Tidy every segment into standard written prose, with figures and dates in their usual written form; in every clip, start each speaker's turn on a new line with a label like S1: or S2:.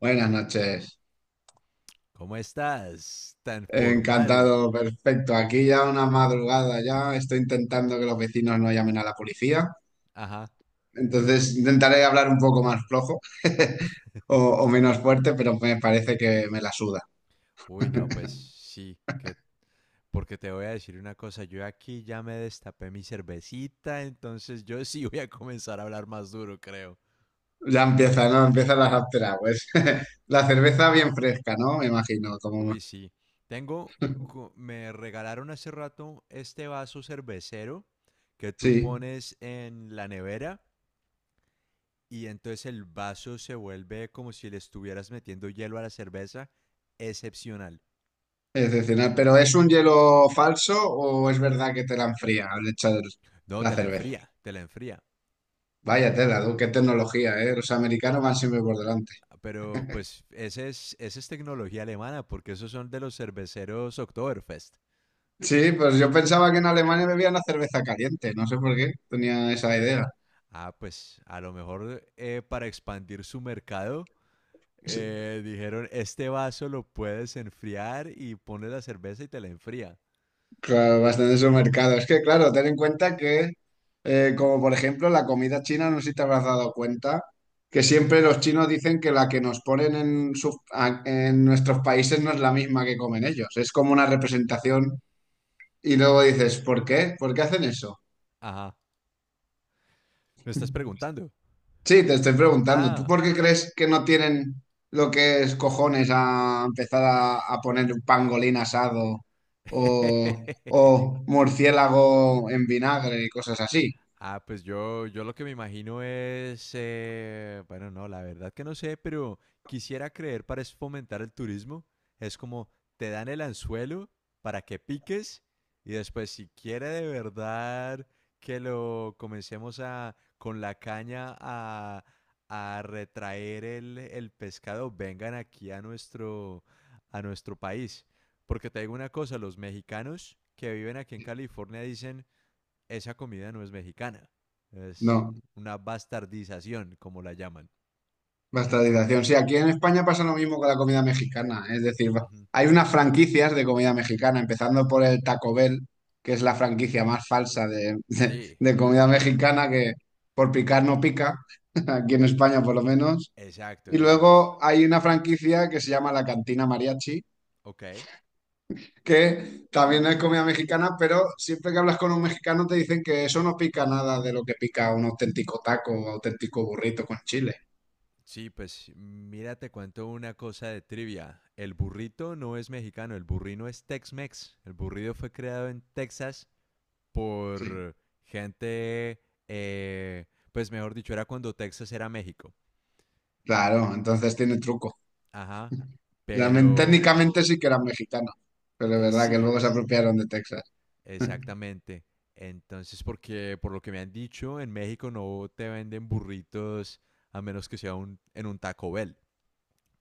S1: Buenas noches.
S2: ¿Cómo estás? Tan formal.
S1: Encantado, perfecto. Aquí ya una madrugada ya. Estoy intentando que los vecinos no llamen a la policía.
S2: Ajá.
S1: Entonces intentaré hablar un poco más flojo o, o menos fuerte, pero me parece que me la suda.
S2: Uy, no, pues sí, que porque te voy a decir una cosa, yo aquí ya me destapé mi cervecita, entonces yo sí voy a comenzar a hablar más duro, creo.
S1: Ya empieza, ¿no? Empiezan las after hours. La cerveza bien fresca, ¿no? Me imagino. Como...
S2: Uy, sí. Tengo me regalaron hace rato este vaso cervecero que tú
S1: Sí,
S2: pones en la nevera y entonces el vaso se vuelve como si le estuvieras metiendo hielo a la cerveza. Excepcional.
S1: excepcional. ¿Pero es un hielo falso o es verdad que te la enfría al echar
S2: No,
S1: la
S2: te la
S1: cerveza?
S2: enfría, te la enfría.
S1: Vaya tela, tú, ¡qué tecnología, eh! Los americanos van siempre por delante.
S2: Pero pues esa es tecnología alemana, porque esos son de los cerveceros Oktoberfest.
S1: Sí, pues yo pensaba que en Alemania bebían la cerveza caliente, no sé por qué tenía esa idea.
S2: Ah, pues a lo mejor para expandir su mercado,
S1: Sí,
S2: dijeron, este vaso lo puedes enfriar y pones la cerveza y te la enfría.
S1: claro, bastante su mercado. Es que, claro, ten en cuenta que, como por ejemplo, la comida china, no sé si te habrás dado cuenta, que
S2: Ujú.
S1: siempre los chinos dicen que la que nos ponen en, en nuestros países no es la misma que comen ellos. Es como una representación y luego dices, ¿por qué? ¿Por qué hacen eso?
S2: Ajá. ¿Me estás preguntando?
S1: Sí, te estoy preguntando, ¿tú
S2: Ah.
S1: por qué crees que no tienen lo que es cojones a empezar a poner un pangolín asado o, o murciélago en vinagre y cosas así?
S2: Ah, pues yo lo que me imagino es, bueno, no, la verdad que no sé, pero quisiera creer para es fomentar el turismo. Es como te dan el anzuelo para que piques y después si quiere de verdad que lo comencemos a con la caña a retraer el pescado, vengan aquí a a nuestro país. Porque te digo una cosa, los mexicanos que viven aquí en California dicen esa comida no es mexicana. Es
S1: No,
S2: una bastardización, como la llaman.
S1: bastardización. Sí, aquí en España pasa lo mismo con la comida mexicana, es decir,
S2: Ujú.
S1: hay unas franquicias de comida mexicana, empezando por el Taco Bell, que es la franquicia más falsa de, de
S2: Sí,
S1: de comida mexicana que por picar no pica, aquí en España por lo menos.
S2: exacto,
S1: Y
S2: no, es...
S1: luego hay una franquicia que se llama La Cantina Mariachi,
S2: Ok.
S1: que también es comida mexicana, pero siempre que hablas con un mexicano te dicen que eso no pica nada de lo que pica un auténtico taco o auténtico burrito con chile.
S2: Sí, pues mira, te cuento una cosa de trivia. El burrito no es mexicano, el burrino es Tex-Mex. El burrito fue creado en Texas
S1: Sí.
S2: por gente, eh, pues mejor dicho, era cuando Texas era México.
S1: Claro, entonces tiene truco.
S2: Ajá,
S1: Realmente,
S2: pero
S1: técnicamente sí que eran mexicanos, pero es verdad que
S2: sí,
S1: luego se apropiaron de Texas.
S2: exactamente. Entonces, porque por lo que me han dicho, en México no te venden burritos a menos que sea en un Taco Bell,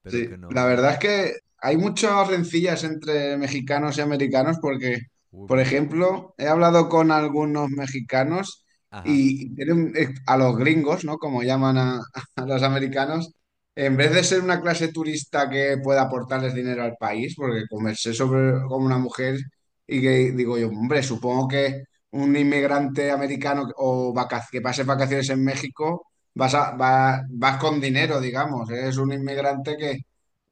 S2: pero
S1: Sí,
S2: que
S1: la
S2: no, no,
S1: verdad es que hay muchas rencillas entre mexicanos y americanos porque,
S2: uy,
S1: por
S2: mucha.
S1: ejemplo, he hablado con algunos mexicanos
S2: Ajá,
S1: y tienen, a los gringos, ¿no? Como llaman a, a los americanos, en vez de ser una clase turista que pueda aportarles dinero al país, porque conversé sobre con una mujer y que digo yo, hombre, supongo que un inmigrante americano o que pase vacaciones en México. Vas, vas con dinero, digamos. Eres un inmigrante que,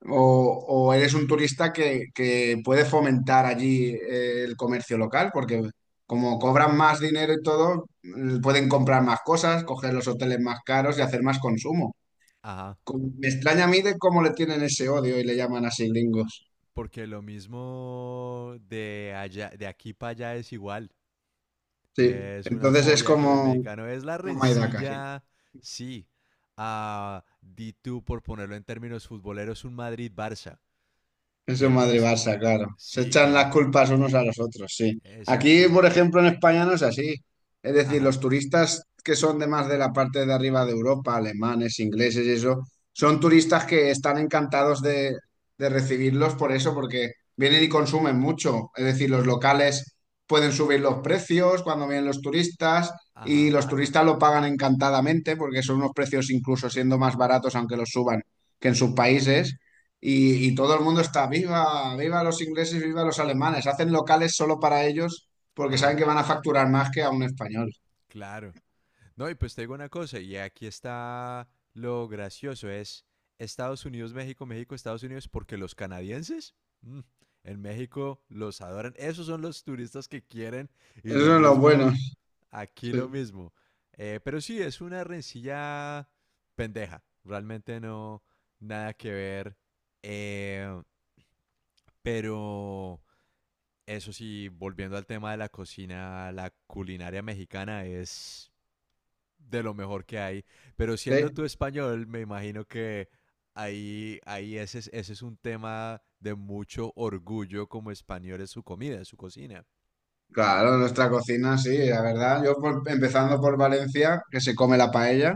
S1: o, o eres un turista que puede fomentar allí el comercio local, porque como cobran más dinero y todo, pueden comprar más cosas, coger los hoteles más caros y hacer más consumo.
S2: ajá.
S1: Me extraña a mí de cómo le tienen ese odio y le llaman así gringos.
S2: Porque lo mismo de allá, de aquí para allá es igual.
S1: Sí,
S2: Es una
S1: entonces es
S2: fobia con el
S1: como
S2: mexicano. Es la
S1: toma y daca, sí.
S2: rencilla, sí. Ah, di tú, por ponerlo en términos futboleros, un Madrid-Barça.
S1: Eso es
S2: Que listo.
S1: Madrid-Barça, claro. Se
S2: Sí,
S1: echan
S2: que no.
S1: las culpas unos a los otros, sí. Aquí, por
S2: Exactamente.
S1: ejemplo, en España no es así. Es decir,
S2: Ajá,
S1: los turistas que son de más de la parte de arriba de Europa, alemanes, ingleses y eso, son turistas que están encantados de recibirlos por eso, porque vienen y consumen mucho. Es decir, los locales pueden subir los precios cuando vienen los turistas y
S2: ajá,
S1: los turistas lo pagan encantadamente porque son unos precios incluso siendo más baratos aunque los suban que en sus países. Y todo el mundo está, viva, viva los ingleses, viva los alemanes. Hacen locales solo para ellos porque saben
S2: ajá.
S1: que van a facturar más que a un español.
S2: Claro. No, y pues te digo una cosa, y aquí está lo gracioso, es Estados Unidos, México, México, Estados Unidos, porque los canadienses mm, en México los adoran. Esos son los turistas que quieren y lo
S1: Eso es lo
S2: mismo,
S1: bueno.
S2: aquí lo
S1: Sí.
S2: mismo. Pero sí, es una rencilla pendeja, realmente no, nada que ver. Eh, pero eso sí, volviendo al tema de la cocina, la culinaria mexicana es de lo mejor que hay. Pero siendo tú
S1: Sí.
S2: español, me imagino que ese es un tema de mucho orgullo como español, es su comida, es su cocina.
S1: Claro, nuestra cocina, sí, la verdad. Empezando por Valencia, que se come
S2: Ujú,
S1: la paella.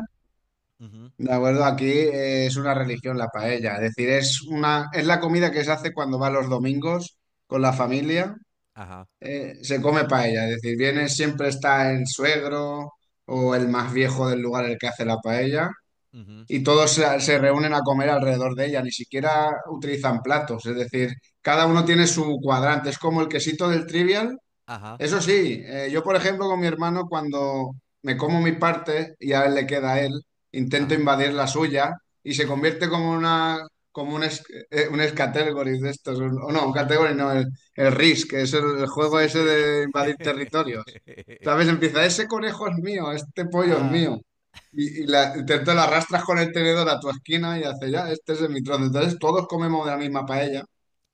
S2: ujú,
S1: De acuerdo, aquí es una religión la paella. Es decir, es una, es la comida que se hace cuando va los domingos con la familia.
S2: ajá,
S1: Se come paella. Es decir, viene, siempre está el suegro o el más viejo del lugar el que hace la paella.
S2: ujú,
S1: Y todos se, se reúnen a comer alrededor de ella, ni siquiera utilizan platos, es decir, cada uno tiene su cuadrante, es como el quesito del trivial,
S2: ajá,
S1: eso sí, yo por ejemplo con mi hermano cuando me como mi parte y a él le queda a él, intento
S2: ajá.
S1: invadir la suya y se convierte como una como un, un escategory de estos, o no, un category no, el Risk, que es el juego
S2: Sí,
S1: ese
S2: sí.
S1: de invadir territorios. ¿Sabes? Empieza, ese conejo es mío, este pollo es
S2: Ajá,
S1: mío. Y te lo arrastras con el tenedor a tu esquina y hace ya, este es de mi trozo. Entonces todos comemos de la misma paella.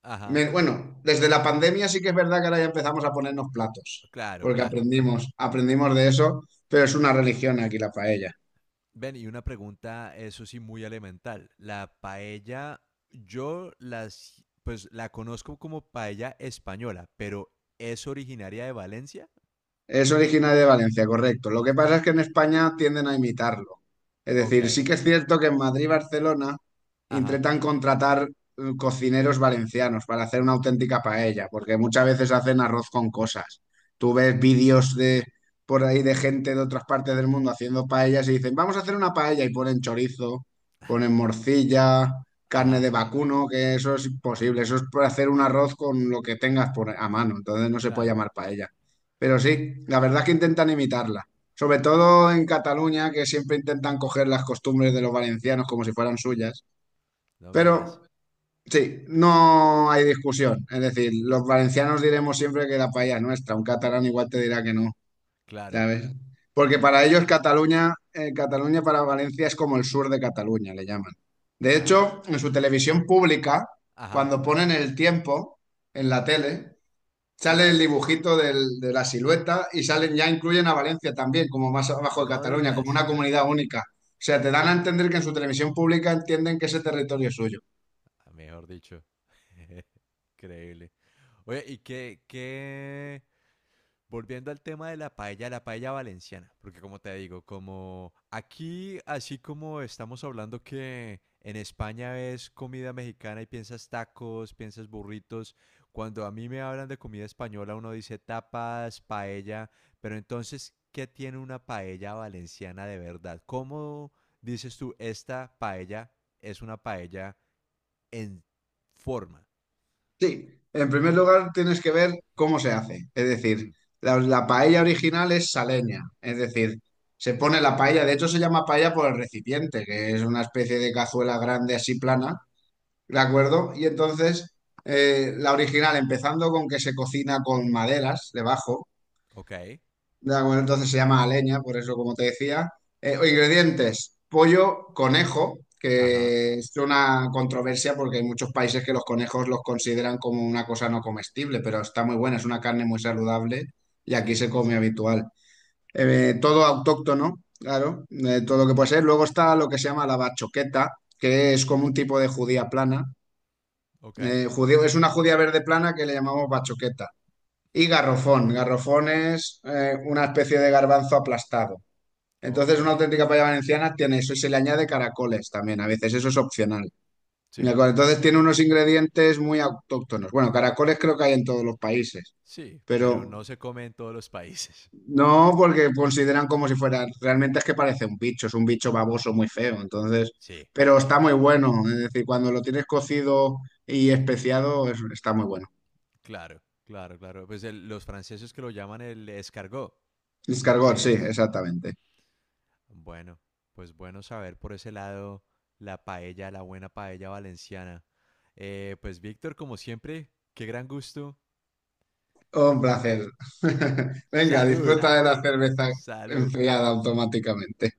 S2: ajá.
S1: Bueno, desde la pandemia sí que es verdad que ahora ya empezamos a ponernos platos,
S2: Claro,
S1: porque
S2: claro.
S1: aprendimos, aprendimos de eso, pero es una religión aquí la paella.
S2: Ven, y una pregunta, eso sí, muy elemental. La paella, pues la conozco como paella española, pero ¿es originaria de Valencia?
S1: Es originario de Valencia, correcto. Lo que
S2: Ok.
S1: pasa es que en España tienden a imitarlo. Es
S2: Ok.
S1: decir, sí que es cierto que en Madrid y Barcelona
S2: Ajá.
S1: intentan contratar cocineros valencianos para hacer una auténtica paella, porque muchas veces hacen arroz con cosas. Tú ves vídeos de por ahí de gente de otras partes del mundo haciendo paellas y dicen, vamos a hacer una paella y ponen chorizo, ponen morcilla, carne
S2: Ajá.
S1: de vacuno, que eso es imposible. Eso es para hacer un arroz con lo que tengas por, a mano. Entonces no se puede
S2: Claro.
S1: llamar paella. Pero sí, la verdad es que intentan imitarla. Sobre todo en Cataluña, que siempre intentan coger las costumbres de los valencianos como si fueran suyas.
S2: No me digas.
S1: Pero sí, no hay discusión. Es decir, los valencianos diremos siempre que la paella es nuestra. Un catalán igual te dirá que no,
S2: Claro.
S1: ¿sabes? Porque para ellos Cataluña, Cataluña para Valencia es como el sur de Cataluña, le llaman. De hecho,
S2: Ah.
S1: en su televisión pública,
S2: Ajá.
S1: cuando ponen el tiempo en la tele,
S2: Sí,
S1: sale el
S2: sí.
S1: dibujito de la silueta y salen ya incluyen a Valencia también, como más abajo de
S2: No
S1: Cataluña, como
S2: digas.
S1: una comunidad única. O sea,
S2: Sí,
S1: te
S2: sí,
S1: dan a
S2: sí.
S1: entender que en su televisión pública entienden que ese territorio es suyo.
S2: Ah, mejor dicho. Increíble. Oye, volviendo al tema de la paella valenciana, porque como te digo, como aquí, así como estamos hablando que en España ves comida mexicana y piensas tacos, piensas burritos, cuando a mí me hablan de comida española uno dice tapas, paella, pero entonces, ¿qué tiene una paella valenciana de verdad? ¿Cómo dices tú esta paella es una paella en forma?
S1: Sí, en primer lugar tienes que ver cómo se hace. Es decir,
S2: Ujú,
S1: la paella original es saleña. Es decir, se pone la paella, de hecho se llama paella por el recipiente, que es una especie de cazuela grande así plana,
S2: ujú,
S1: ¿de acuerdo? Y entonces, la original, empezando con que se cocina con maderas debajo.
S2: ok,
S1: Ya, bueno, entonces se llama aleña, por eso, como te decía. Ingredientes: pollo, conejo,
S2: ajá,
S1: que es una controversia porque hay muchos países que los conejos los consideran como una cosa no comestible, pero está muy buena, es una carne muy saludable y aquí
S2: sí,
S1: se come habitual. Todo autóctono, claro, todo lo que
S2: ujú,
S1: puede ser. Luego está lo que se llama la bachoqueta, que es como un tipo de judía plana.
S2: ok.
S1: Judío, es una judía verde plana que le llamamos bachoqueta y garrofón. Garrofón es una especie de garbanzo aplastado.
S2: Ok,
S1: Entonces, una auténtica paella valenciana tiene eso y se le añade caracoles también, a veces eso es opcional. ¿De
S2: sí,
S1: acuerdo? Entonces, tiene unos ingredientes muy autóctonos. Bueno, caracoles creo que hay en todos los países,
S2: sí, pero no
S1: pero
S2: se come en todos los países.
S1: no porque consideran como si fuera, realmente es que parece un bicho, es un bicho baboso muy feo, entonces,
S2: Sí,
S1: pero está muy bueno, es decir, cuando lo tienes cocido y especiado, está muy bueno.
S2: claro, claro, claro. Pues los franceses que lo llaman el escargot. ¿Y
S1: Escargot,
S2: qué
S1: sí,
S2: es? Ujú.
S1: exactamente.
S2: Bueno, pues bueno saber por ese lado la paella, la buena paella valenciana. Pues Víctor, como siempre, qué gran gusto.
S1: Un placer. Venga,
S2: Salud,
S1: disfruta de la cerveza
S2: salud.
S1: enfriada automáticamente.